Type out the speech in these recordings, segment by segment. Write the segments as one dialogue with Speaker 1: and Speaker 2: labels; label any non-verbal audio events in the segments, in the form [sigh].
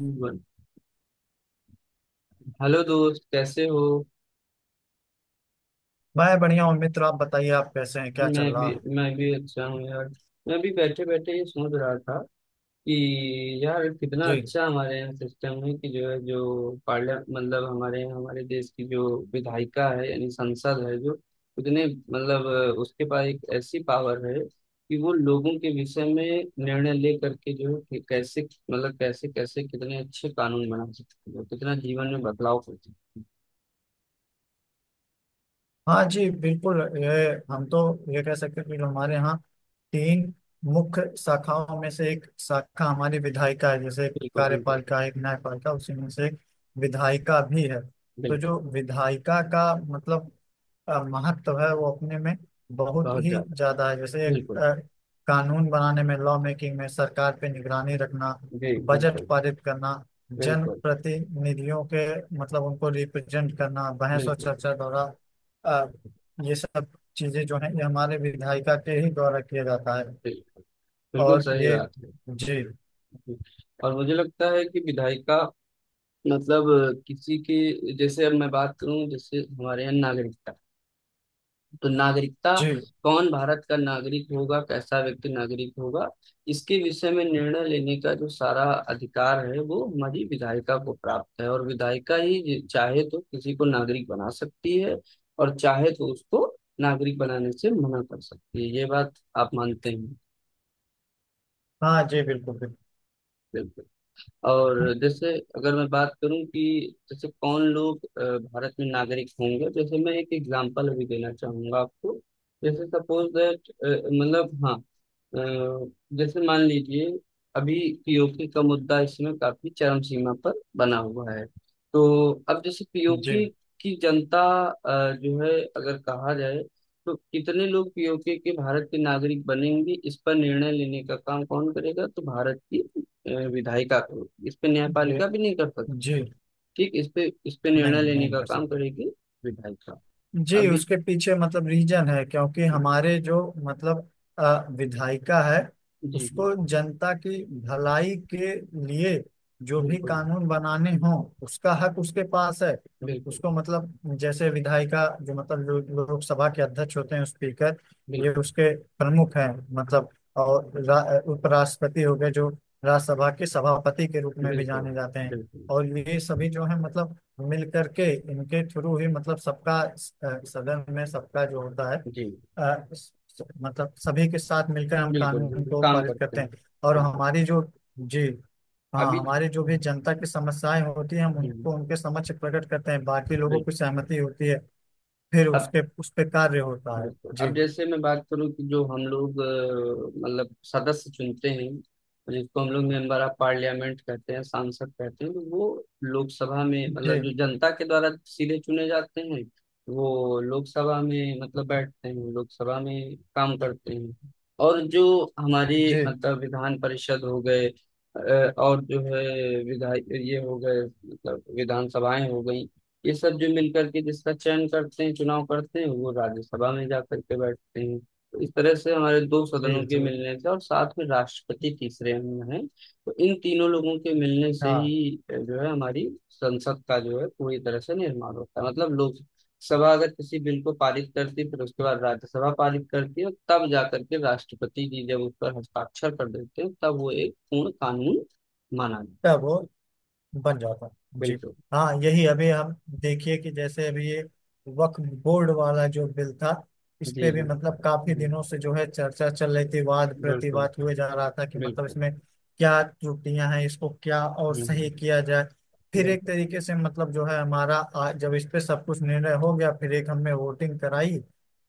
Speaker 1: बोल। हेलो दोस्त कैसे हो।
Speaker 2: मैं बढ़िया हूँ मित्र। आप बताइए, आप कैसे हैं? क्या
Speaker 1: मैं
Speaker 2: चल रहा
Speaker 1: भी
Speaker 2: है?
Speaker 1: मैं भी अच्छा हूँ यार। मैं भी बैठे बैठे ये सोच रहा था कि यार कितना
Speaker 2: जी।
Speaker 1: अच्छा हमारे यहाँ सिस्टम है कि जो है जो पार्लियामेंट मतलब हमारे यहाँ हमारे देश की जो विधायिका है यानी संसद है जो उतने मतलब उसके पास एक ऐसी पावर है कि वो लोगों के विषय में निर्णय ले करके जो है कि कैसे मतलब कैसे कैसे कितने अच्छे कानून बना सकती है कितना जीवन में बदलाव कर सकती है।
Speaker 2: हाँ जी, बिल्कुल। ये हम तो ये कह सकते हैं कि जो हमारे यहाँ तीन मुख्य शाखाओं में से एक शाखा हमारी विधायिका है, जैसे एक
Speaker 1: बिल्कुल बिल्कुल।
Speaker 2: कार्यपालिका है, एक न्यायपालिका, उसी में से एक विधायिका भी है। तो
Speaker 1: बिल्कुल।
Speaker 2: जो विधायिका का मतलब महत्व है वो अपने में बहुत
Speaker 1: बहुत
Speaker 2: ही
Speaker 1: ज्यादा।
Speaker 2: ज्यादा है, जैसे एक
Speaker 1: बिल्कुल।
Speaker 2: कानून बनाने में, लॉ मेकिंग में, सरकार पे निगरानी रखना,
Speaker 1: जी
Speaker 2: बजट
Speaker 1: बिल्कुल।
Speaker 2: पारित करना,
Speaker 1: बिल्कुल।
Speaker 2: जनप्रतिनिधियों के मतलब उनको रिप्रेजेंट करना, बहस और
Speaker 1: बिल्कुल।
Speaker 2: चर्चा द्वारा, अ, ये सब चीजें जो है ये हमारे विधायिका के ही द्वारा किया जाता है।
Speaker 1: बिल्कुल। बिल्कुल
Speaker 2: और
Speaker 1: सही
Speaker 2: ये
Speaker 1: बात है।
Speaker 2: जी
Speaker 1: और मुझे लगता है कि विधायिका मतलब किसी के जैसे अब मैं बात करूं जैसे हमारे यहाँ नागरिकता तो नागरिकता
Speaker 2: जी।
Speaker 1: कौन भारत का नागरिक होगा कैसा व्यक्ति नागरिक होगा। इसके विषय में निर्णय लेने का जो सारा अधिकार है वो हमारी विधायिका को प्राप्त है और विधायिका ही चाहे तो किसी को नागरिक बना सकती है और चाहे तो उसको नागरिक बनाने से मना कर सकती है। ये बात आप मानते हैं।
Speaker 2: हाँ जी, बिल्कुल बिल्कुल।
Speaker 1: बिल्कुल। और जैसे अगर मैं बात करूं कि जैसे कौन लोग भारत में नागरिक होंगे जैसे मैं एक एग्जांपल अभी देना चाहूंगा आपको। जैसे सपोज दैट मतलब हाँ, अ, जैसे मान लीजिए अभी पीओके का मुद्दा इस समय काफी चरम सीमा पर बना हुआ है। तो अब जैसे
Speaker 2: जी
Speaker 1: पीओके की जनता जो है अगर कहा जाए तो कितने लोग पीओके के भारत के नागरिक बनेंगे इस पर निर्णय लेने का काम कौन करेगा। तो भारत की विधायिका करेगी। इस पे
Speaker 2: जी
Speaker 1: न्यायपालिका भी नहीं कर सकती।
Speaker 2: जी।
Speaker 1: ठीक इस पे
Speaker 2: नहीं,
Speaker 1: निर्णय लेने
Speaker 2: नहीं
Speaker 1: का
Speaker 2: कर
Speaker 1: काम
Speaker 2: सकते।
Speaker 1: करेगी विधायिका।
Speaker 2: जी,
Speaker 1: अभी
Speaker 2: उसके पीछे मतलब रीजन है, क्योंकि हमारे जो मतलब विधायिका है
Speaker 1: जी जी।
Speaker 2: उसको जनता की भलाई के लिए जो भी
Speaker 1: बिल्कुल
Speaker 2: कानून बनाने हों उसका हक उसके पास है।
Speaker 1: बिल्कुल।
Speaker 2: उसको मतलब, जैसे विधायिका, जो मतलब लोकसभा के अध्यक्ष होते हैं, स्पीकर, ये
Speaker 1: बिल्कुल
Speaker 2: उसके प्रमुख हैं। मतलब और उपराष्ट्रपति हो गए जो राज्यसभा के सभापति के रूप में भी
Speaker 1: बिल्कुल।
Speaker 2: जाने जाते हैं।
Speaker 1: बिल्कुल।
Speaker 2: और ये सभी जो है मतलब मिल करके, इनके थ्रू ही मतलब सबका सदन में सबका जो होता है,
Speaker 1: जी
Speaker 2: अ, स- मतलब सभी के साथ मिलकर हम
Speaker 1: बिल्कुल।
Speaker 2: कानून
Speaker 1: बिल्कुल
Speaker 2: को
Speaker 1: काम
Speaker 2: पारित
Speaker 1: करते
Speaker 2: करते
Speaker 1: हैं।
Speaker 2: हैं, और
Speaker 1: बिल्कुल।
Speaker 2: हमारी जो जी हाँ।
Speaker 1: अभी
Speaker 2: हमारी जो भी
Speaker 1: हम्म,
Speaker 2: जनता की समस्याएं होती हैं हम
Speaker 1: बिल्कुल।
Speaker 2: उनको उनके समक्ष प्रकट करते हैं, बाकी लोगों की सहमति होती है, फिर
Speaker 1: अब
Speaker 2: उसके उस पे कार्य होता है
Speaker 1: बिल्कुल।
Speaker 2: जी
Speaker 1: अब जैसे मैं बात करूं कि जो हम लोग मतलब सदस्य चुनते हैं जिसको हम लोग मेंबर ऑफ पार्लियामेंट कहते हैं सांसद कहते हैं तो वो लोकसभा में
Speaker 2: जी
Speaker 1: मतलब जो जनता के द्वारा सीधे चुने जाते हैं वो लोकसभा में मतलब बैठते हैं लोकसभा में काम करते हैं। और जो हमारी
Speaker 2: जी
Speaker 1: मतलब विधान परिषद हो गए, और जो है विधायक ये हो गए मतलब विधानसभाएं हो गई। ये सब जो मिलकर के जिसका चयन करते हैं चुनाव करते हैं वो राज्यसभा में जाकर के बैठते हैं। तो इस तरह से हमारे दो
Speaker 2: जी
Speaker 1: सदनों के
Speaker 2: जी
Speaker 1: मिलने से और साथ में राष्ट्रपति तीसरे में है तो इन तीनों लोगों के मिलने से
Speaker 2: हाँ।
Speaker 1: ही जो है हमारी संसद का जो है पूरी तरह से निर्माण होता है। मतलब लोकसभा अगर किसी बिल को पारित करती है फिर उसके बाद राज्यसभा पारित करती है और तब जाकर के राष्ट्रपति जी जब उस पर हस्ताक्षर कर देते हैं तब वो एक पूर्ण कानून माना जाता है।
Speaker 2: तब बन जाता है जी।
Speaker 1: बिल्कुल।
Speaker 2: हाँ, यही अभी हम देखिए कि जैसे अभी ये वक्फ बोर्ड वाला जो बिल था, इस
Speaker 1: जी
Speaker 2: पे भी
Speaker 1: जी।
Speaker 2: मतलब काफी
Speaker 1: हम्म,
Speaker 2: दिनों से जो है चर्चा चल रही थी, वाद
Speaker 1: बिल्कुल
Speaker 2: प्रतिवाद हुए जा रहा था कि मतलब
Speaker 1: बिल्कुल।
Speaker 2: इसमें क्या त्रुटियां हैं, इसको क्या और सही
Speaker 1: हम्म
Speaker 2: किया जाए। फिर एक
Speaker 1: बिल्कुल।
Speaker 2: तरीके से मतलब जो है हमारा जब इस पे सब कुछ निर्णय हो गया फिर एक हमने वोटिंग कराई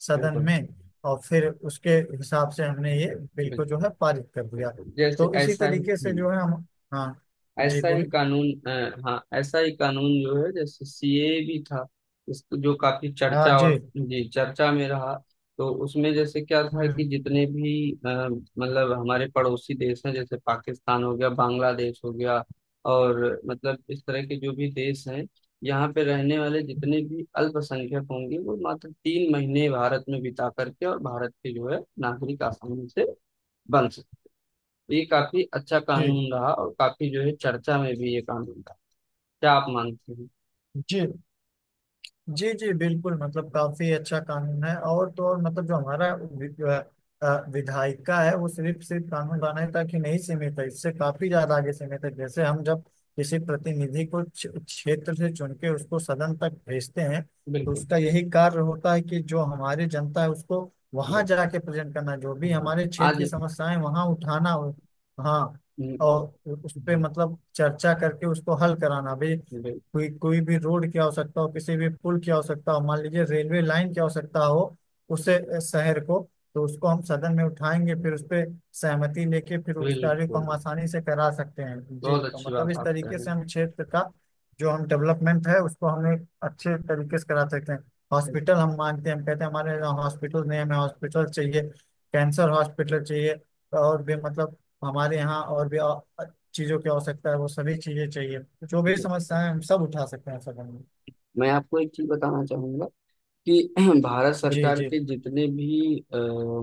Speaker 2: सदन
Speaker 1: बिल्कुल।
Speaker 2: में, और फिर उसके हिसाब से हमने ये बिल को जो
Speaker 1: बिल्कुल।
Speaker 2: है पारित कर दिया।
Speaker 1: बिल्कुल जैसे
Speaker 2: तो इसी
Speaker 1: ऐसा ही।
Speaker 2: तरीके से जो है हम। हाँ जी,
Speaker 1: ऐसा ही
Speaker 2: बोलिए।
Speaker 1: कानून हाँ, ऐसा ही कानून जो है जैसे सीए भी था। इसको जो काफी
Speaker 2: हाँ
Speaker 1: चर्चा,
Speaker 2: जी।
Speaker 1: और जी चर्चा में रहा। तो उसमें जैसे क्या था कि
Speaker 2: हम्म,
Speaker 1: जितने भी मतलब हमारे पड़ोसी देश हैं जैसे पाकिस्तान हो गया बांग्लादेश हो गया और मतलब इस तरह के जो भी देश हैं, यहाँ पे रहने वाले जितने भी अल्पसंख्यक होंगे वो मात्र तीन महीने भारत में बिता करके और भारत के जो है नागरिक आसानी से बन सकते हैं। तो ये काफी अच्छा
Speaker 2: जी।
Speaker 1: कानून रहा और काफी जो है चर्चा में भी ये कानून रहा। क्या आप मानते हैं।
Speaker 2: जी जी जी बिल्कुल। मतलब काफी अच्छा कानून है, और तो और मतलब जो हमारा विधायिका है वो सिर्फ सिर्फ कानून बनाने तक ही नहीं सीमित है, इससे काफी ज्यादा आगे सीमित है। जैसे हम जब किसी प्रतिनिधि को क्षेत्र से चुन के उसको सदन तक भेजते हैं, तो
Speaker 1: बिल्कुल
Speaker 2: उसका यही कार्य होता है कि जो हमारी जनता है उसको वहां
Speaker 1: बिल्कुल।
Speaker 2: जाके प्रेजेंट करना, जो भी
Speaker 1: हाँ।
Speaker 2: हमारे क्षेत्र
Speaker 1: आज
Speaker 2: की समस्याएं वहां उठाना हो। हाँ,
Speaker 1: हम्म,
Speaker 2: और उस पे
Speaker 1: हम्म,
Speaker 2: मतलब चर्चा करके उसको हल कराना भी,
Speaker 1: बिल-
Speaker 2: कोई कोई भी रोड की आवश्यकता हो, किसी भी पुल की आवश्यकता हो, मान लीजिए रेलवे लाइन की आवश्यकता हो, उससे शहर को, तो उसको हम सदन में उठाएंगे, फिर उस पे सहमति लेके फिर उस कार्य को
Speaker 1: बिल्कुल
Speaker 2: हम आसानी से करा सकते हैं जी।
Speaker 1: बहुत
Speaker 2: तो
Speaker 1: अच्छी
Speaker 2: मतलब
Speaker 1: बात
Speaker 2: इस
Speaker 1: आप कह
Speaker 2: तरीके
Speaker 1: रहे
Speaker 2: से हम क्षेत्र का जो हम डेवलपमेंट है उसको हमें अच्छे तरीके से करा सकते हैं। हॉस्पिटल, हम मानते हैं, हम कहते हैं हमारे यहाँ हॉस्पिटल नहीं, हमें हॉस्पिटल चाहिए, कैंसर हॉस्पिटल चाहिए, और भी मतलब हमारे यहाँ और भी चीजों की आवश्यकता है, वो सभी चीजें चाहिए, जो भी
Speaker 1: हैं।
Speaker 2: समस्याएं हम सब उठा सकते हैं सदन में।
Speaker 1: मैं आपको एक चीज बताना चाहूंगा कि [clears throat] भारत
Speaker 2: जी
Speaker 1: सरकार
Speaker 2: जी
Speaker 1: के जितने भी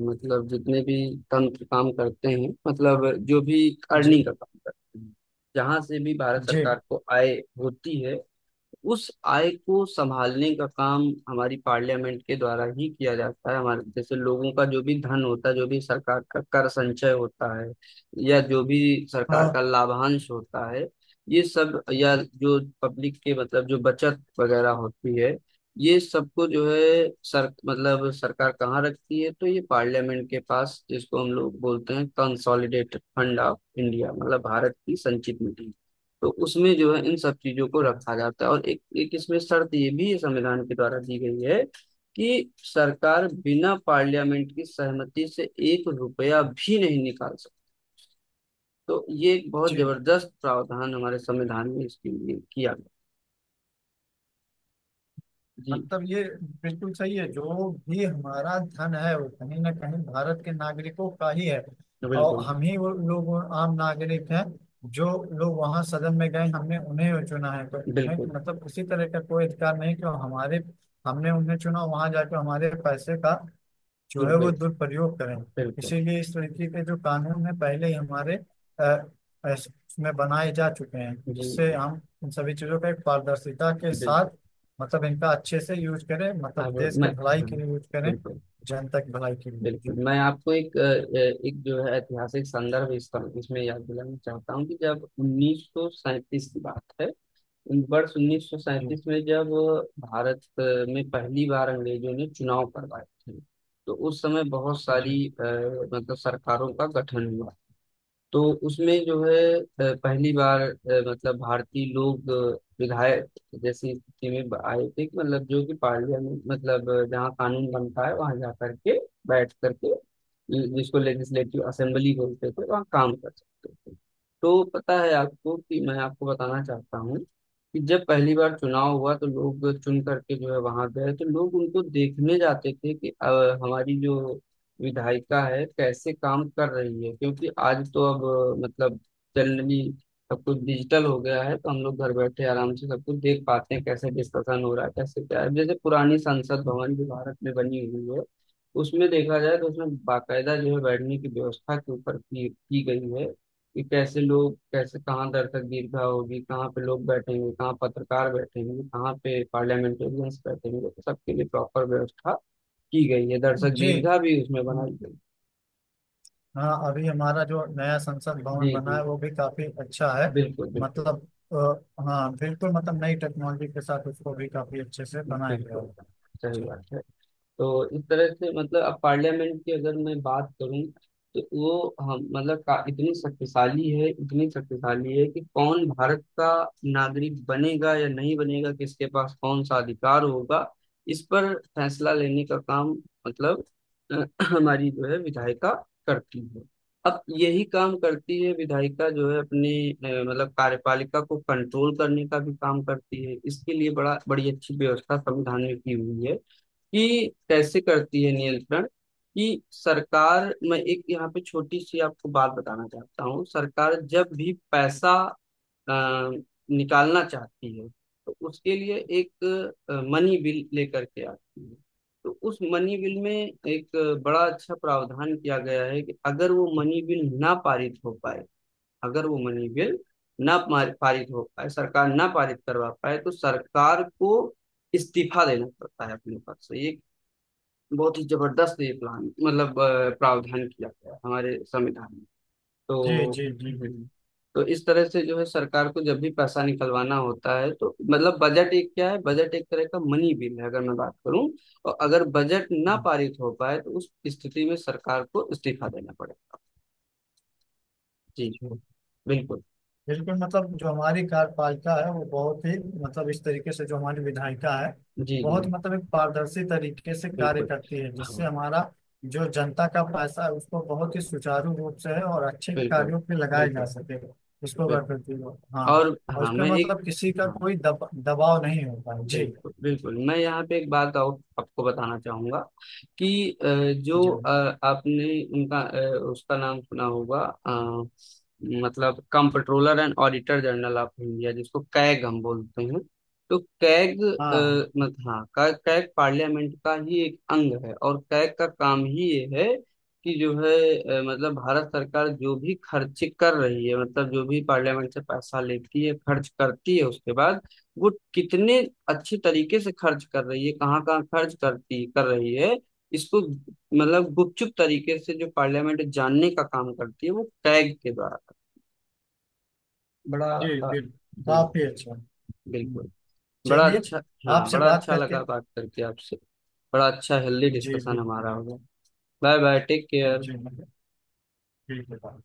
Speaker 1: मतलब जितने भी तंत्र काम करते हैं मतलब जो भी
Speaker 2: जी
Speaker 1: अर्निंग का काम करते हैं, जहाँ से भी भारत
Speaker 2: जी
Speaker 1: सरकार को आय होती है उस आय को संभालने का काम हमारी पार्लियामेंट के द्वारा ही किया जाता है। हमारे जैसे लोगों का जो भी धन होता है, जो भी सरकार का कर संचय होता है, या जो भी सरकार
Speaker 2: हाँ
Speaker 1: का लाभांश होता है, ये सब या जो पब्लिक के मतलब जो बचत वगैरह होती है, ये सबको जो है सर मतलब सरकार कहाँ रखती है तो ये पार्लियामेंट के पास, जिसको हम लोग बोलते हैं कंसोलिडेटेड फंड ऑफ इंडिया मतलब भारत की संचित निधि। तो उसमें जो है इन सब चीजों को
Speaker 2: हाँ,
Speaker 1: रखा जाता है और एक एक इसमें शर्त ये भी संविधान के द्वारा दी गई है कि सरकार बिना पार्लियामेंट की सहमति से एक रुपया भी नहीं निकाल सकती। तो ये एक बहुत
Speaker 2: जी।
Speaker 1: जबरदस्त प्रावधान हमारे संविधान में इसके लिए किया गया। जी।
Speaker 2: मतलब ये बिल्कुल सही है, जो भी हमारा धन है वो कहीं ना कहीं भारत के नागरिकों का ही है, और
Speaker 1: बिल्कुल।
Speaker 2: हम ही वो लोग, वो आम नागरिक हैं जो लोग वहां सदन में गए हमने उन्हें चुना है, तो उन्हें
Speaker 1: बिल्कुल।
Speaker 2: मतलब किसी तरह का कोई अधिकार नहीं कि वो हमारे, हमने उन्हें चुना वहां जाकर हमारे पैसे का जो है वो
Speaker 1: दुरुपयोग।
Speaker 2: दुरुपयोग करें।
Speaker 1: बिल्कुल।
Speaker 2: इसीलिए इस तरीके के जो कानून है पहले ही हमारे उसमें बनाए जा चुके हैं,
Speaker 1: जी
Speaker 2: जिससे
Speaker 1: जी,
Speaker 2: हम इन सभी चीजों का एक पारदर्शिता के
Speaker 1: बिल्कुल।
Speaker 2: साथ मतलब इनका अच्छे से यूज करें, मतलब
Speaker 1: अब
Speaker 2: देश
Speaker 1: मैं
Speaker 2: के भलाई
Speaker 1: हाँ,
Speaker 2: के लिए यूज करें,
Speaker 1: बिल्कुल
Speaker 2: जनता की भलाई के लिए
Speaker 1: बिल्कुल,
Speaker 2: जी।
Speaker 1: मैं आपको एक एक जो है ऐतिहासिक संदर्भ इस इसमें याद दिलाना चाहता हूँ कि जब 1937 की बात है, वर्ष
Speaker 2: जी
Speaker 1: 1937 में जब भारत में पहली बार अंग्रेजों ने चुनाव करवाए थे। तो उस समय बहुत
Speaker 2: जी
Speaker 1: सारी मतलब सरकारों का गठन हुआ। तो उसमें जो है पहली बार मतलब भारतीय लोग विधायक जैसी स्थिति में आए थे कि मतलब जो कि पार्लियामेंट मतलब जहाँ कानून बनता है वहां जा करके बैठ करके जिसको लेजिस्लेटिव असेंबली बोलते थे वहाँ काम कर सकते थे। तो पता है आपको, कि मैं आपको बताना चाहता हूँ कि जब पहली बार चुनाव हुआ तो लोग चुन करके जो है वहां गए तो लोग उनको देखने जाते थे कि हमारी जो विधायिका है कैसे काम कर रही है, क्योंकि आज तो अब मतलब जनरली सब कुछ डिजिटल हो गया है तो हम लोग घर बैठे आराम से सब कुछ देख पाते हैं कैसे डिस्कशन हो रहा है कैसे क्या है। जैसे पुरानी संसद भवन जो भारत में बनी हुई है उसमें देखा जाए तो उसमें बाकायदा जो है बैठने की व्यवस्था के ऊपर की गई है कि कैसे लोग कैसे कहाँ दर्शक दीर्घा होगी कहाँ पे लोग बैठेंगे कहाँ पत्रकार बैठेंगे कहाँ पे पार्लियामेंटेरियंस बैठेंगे, तो सबके लिए प्रॉपर व्यवस्था की गई है, दर्शक
Speaker 2: जी
Speaker 1: दीर्घा भी उसमें बनाई गई।
Speaker 2: हाँ। अभी हमारा जो नया संसद
Speaker 1: जी
Speaker 2: भवन बना
Speaker 1: जी।
Speaker 2: है वो भी काफी अच्छा है,
Speaker 1: बिल्कुल बिल्कुल।
Speaker 2: मतलब हाँ बिल्कुल, मतलब नई टेक्नोलॉजी के साथ उसको भी काफी अच्छे से बनाया गया
Speaker 1: बिल्कुल
Speaker 2: है।
Speaker 1: सही
Speaker 2: जी
Speaker 1: बात है। तो इस तरह से मतलब अब पार्लियामेंट की अगर मैं बात करूं तो वो हम मतलब इतनी शक्तिशाली है कि कौन भारत का नागरिक बनेगा या नहीं बनेगा किसके पास कौन सा अधिकार होगा इस पर फैसला लेने का काम मतलब अ, [clears throat] हमारी जो है विधायिका करती है। अब यही काम करती है विधायिका जो है, अपने मतलब कार्यपालिका को कंट्रोल करने का भी काम करती है। इसके लिए बड़ा बड़ी अच्छी व्यवस्था संविधान में की हुई है कि कैसे करती है नियंत्रण। कि सरकार, मैं एक यहाँ पे छोटी सी आपको बात बताना चाहता हूँ, सरकार जब भी पैसा अ, निकालना चाहती है तो उसके लिए एक मनी बिल लेकर के आती है। तो उस मनी बिल में एक बड़ा अच्छा प्रावधान किया गया है कि अगर वो मनी बिल ना पारित हो पाए, अगर वो मनी बिल ना मार- पारित हो पाए, सरकार ना पारित करवा पाए, तो सरकार को इस्तीफा देना पड़ता है अपने पद से। ये बहुत ही जबरदस्त ये प्लान मतलब प्रावधान किया गया है हमारे संविधान में।
Speaker 2: जी
Speaker 1: तो
Speaker 2: जी
Speaker 1: हम्म, तो इस तरह से जो है सरकार को जब भी पैसा निकलवाना होता है तो मतलब बजट एक क्या है, बजट एक तरह का मनी बिल है अगर मैं बात करूं, और अगर बजट ना
Speaker 2: जी।
Speaker 1: पारित हो पाए तो उस स्थिति में सरकार को इस्तीफा देना पड़ेगा। जी।
Speaker 2: तो
Speaker 1: बिल्कुल।
Speaker 2: बिल्कुल मतलब जो हमारी कार्यपालिका है वो बहुत ही मतलब इस तरीके से जो हमारी विधायिका है
Speaker 1: जी जी।
Speaker 2: बहुत मतलब एक पारदर्शी तरीके से कार्य
Speaker 1: बिल्कुल।
Speaker 2: करती है, जिससे
Speaker 1: हाँ।
Speaker 2: हमारा जो जनता का पैसा है उसको बहुत ही सुचारू रूप से है और अच्छे
Speaker 1: बिल्कुल
Speaker 2: कार्यों पे लगाया जा
Speaker 1: बिल्कुल।
Speaker 2: सके। उसको कर
Speaker 1: बिल्कुल।
Speaker 2: करती हो हाँ।
Speaker 1: और
Speaker 2: और
Speaker 1: हाँ,
Speaker 2: इसके
Speaker 1: मैं एक
Speaker 2: मतलब किसी का
Speaker 1: हाँ,
Speaker 2: कोई दबाव नहीं होता है। जी
Speaker 1: बिल्कुल बिल्कुल, मैं यहाँ पे एक बात और आपको बताना चाहूंगा कि जो
Speaker 2: जी
Speaker 1: आपने उनका अ, उसका नाम सुना होगा अ, मतलब comptroller and auditor general of India जिसको कैग हम बोलते हैं। तो कैग
Speaker 2: हाँ
Speaker 1: अ, मत हाँ का- कैग पार्लियामेंट का ही एक अंग है और कैग का काम ही ये है कि जो है मतलब भारत सरकार जो भी खर्च कर रही है मतलब जो भी पार्लियामेंट से पैसा लेती है खर्च करती है, उसके बाद वो कितने अच्छे तरीके से खर्च कर रही है कहाँ कहाँ खर्च करती कर रही है, इसको मतलब गुपचुप तरीके से जो पार्लियामेंट जानने का काम करती है वो टैग के द्वारा। बड़ा
Speaker 2: जी
Speaker 1: अ,
Speaker 2: बिल्कुल,
Speaker 1: जी,
Speaker 2: काफी अच्छा। हम्म,
Speaker 1: बिल्कुल। बड़ा
Speaker 2: चलिए।
Speaker 1: अच्छा। हाँ
Speaker 2: आपसे
Speaker 1: बड़ा
Speaker 2: बात
Speaker 1: अच्छा
Speaker 2: करके
Speaker 1: लगा बात करके आपसे। बड़ा अच्छा हेल्दी
Speaker 2: जी
Speaker 1: डिस्कशन हमारा
Speaker 2: बिल्कुल।
Speaker 1: होगा। Bye bye. Take care.
Speaker 2: जी मतलब ठीक है।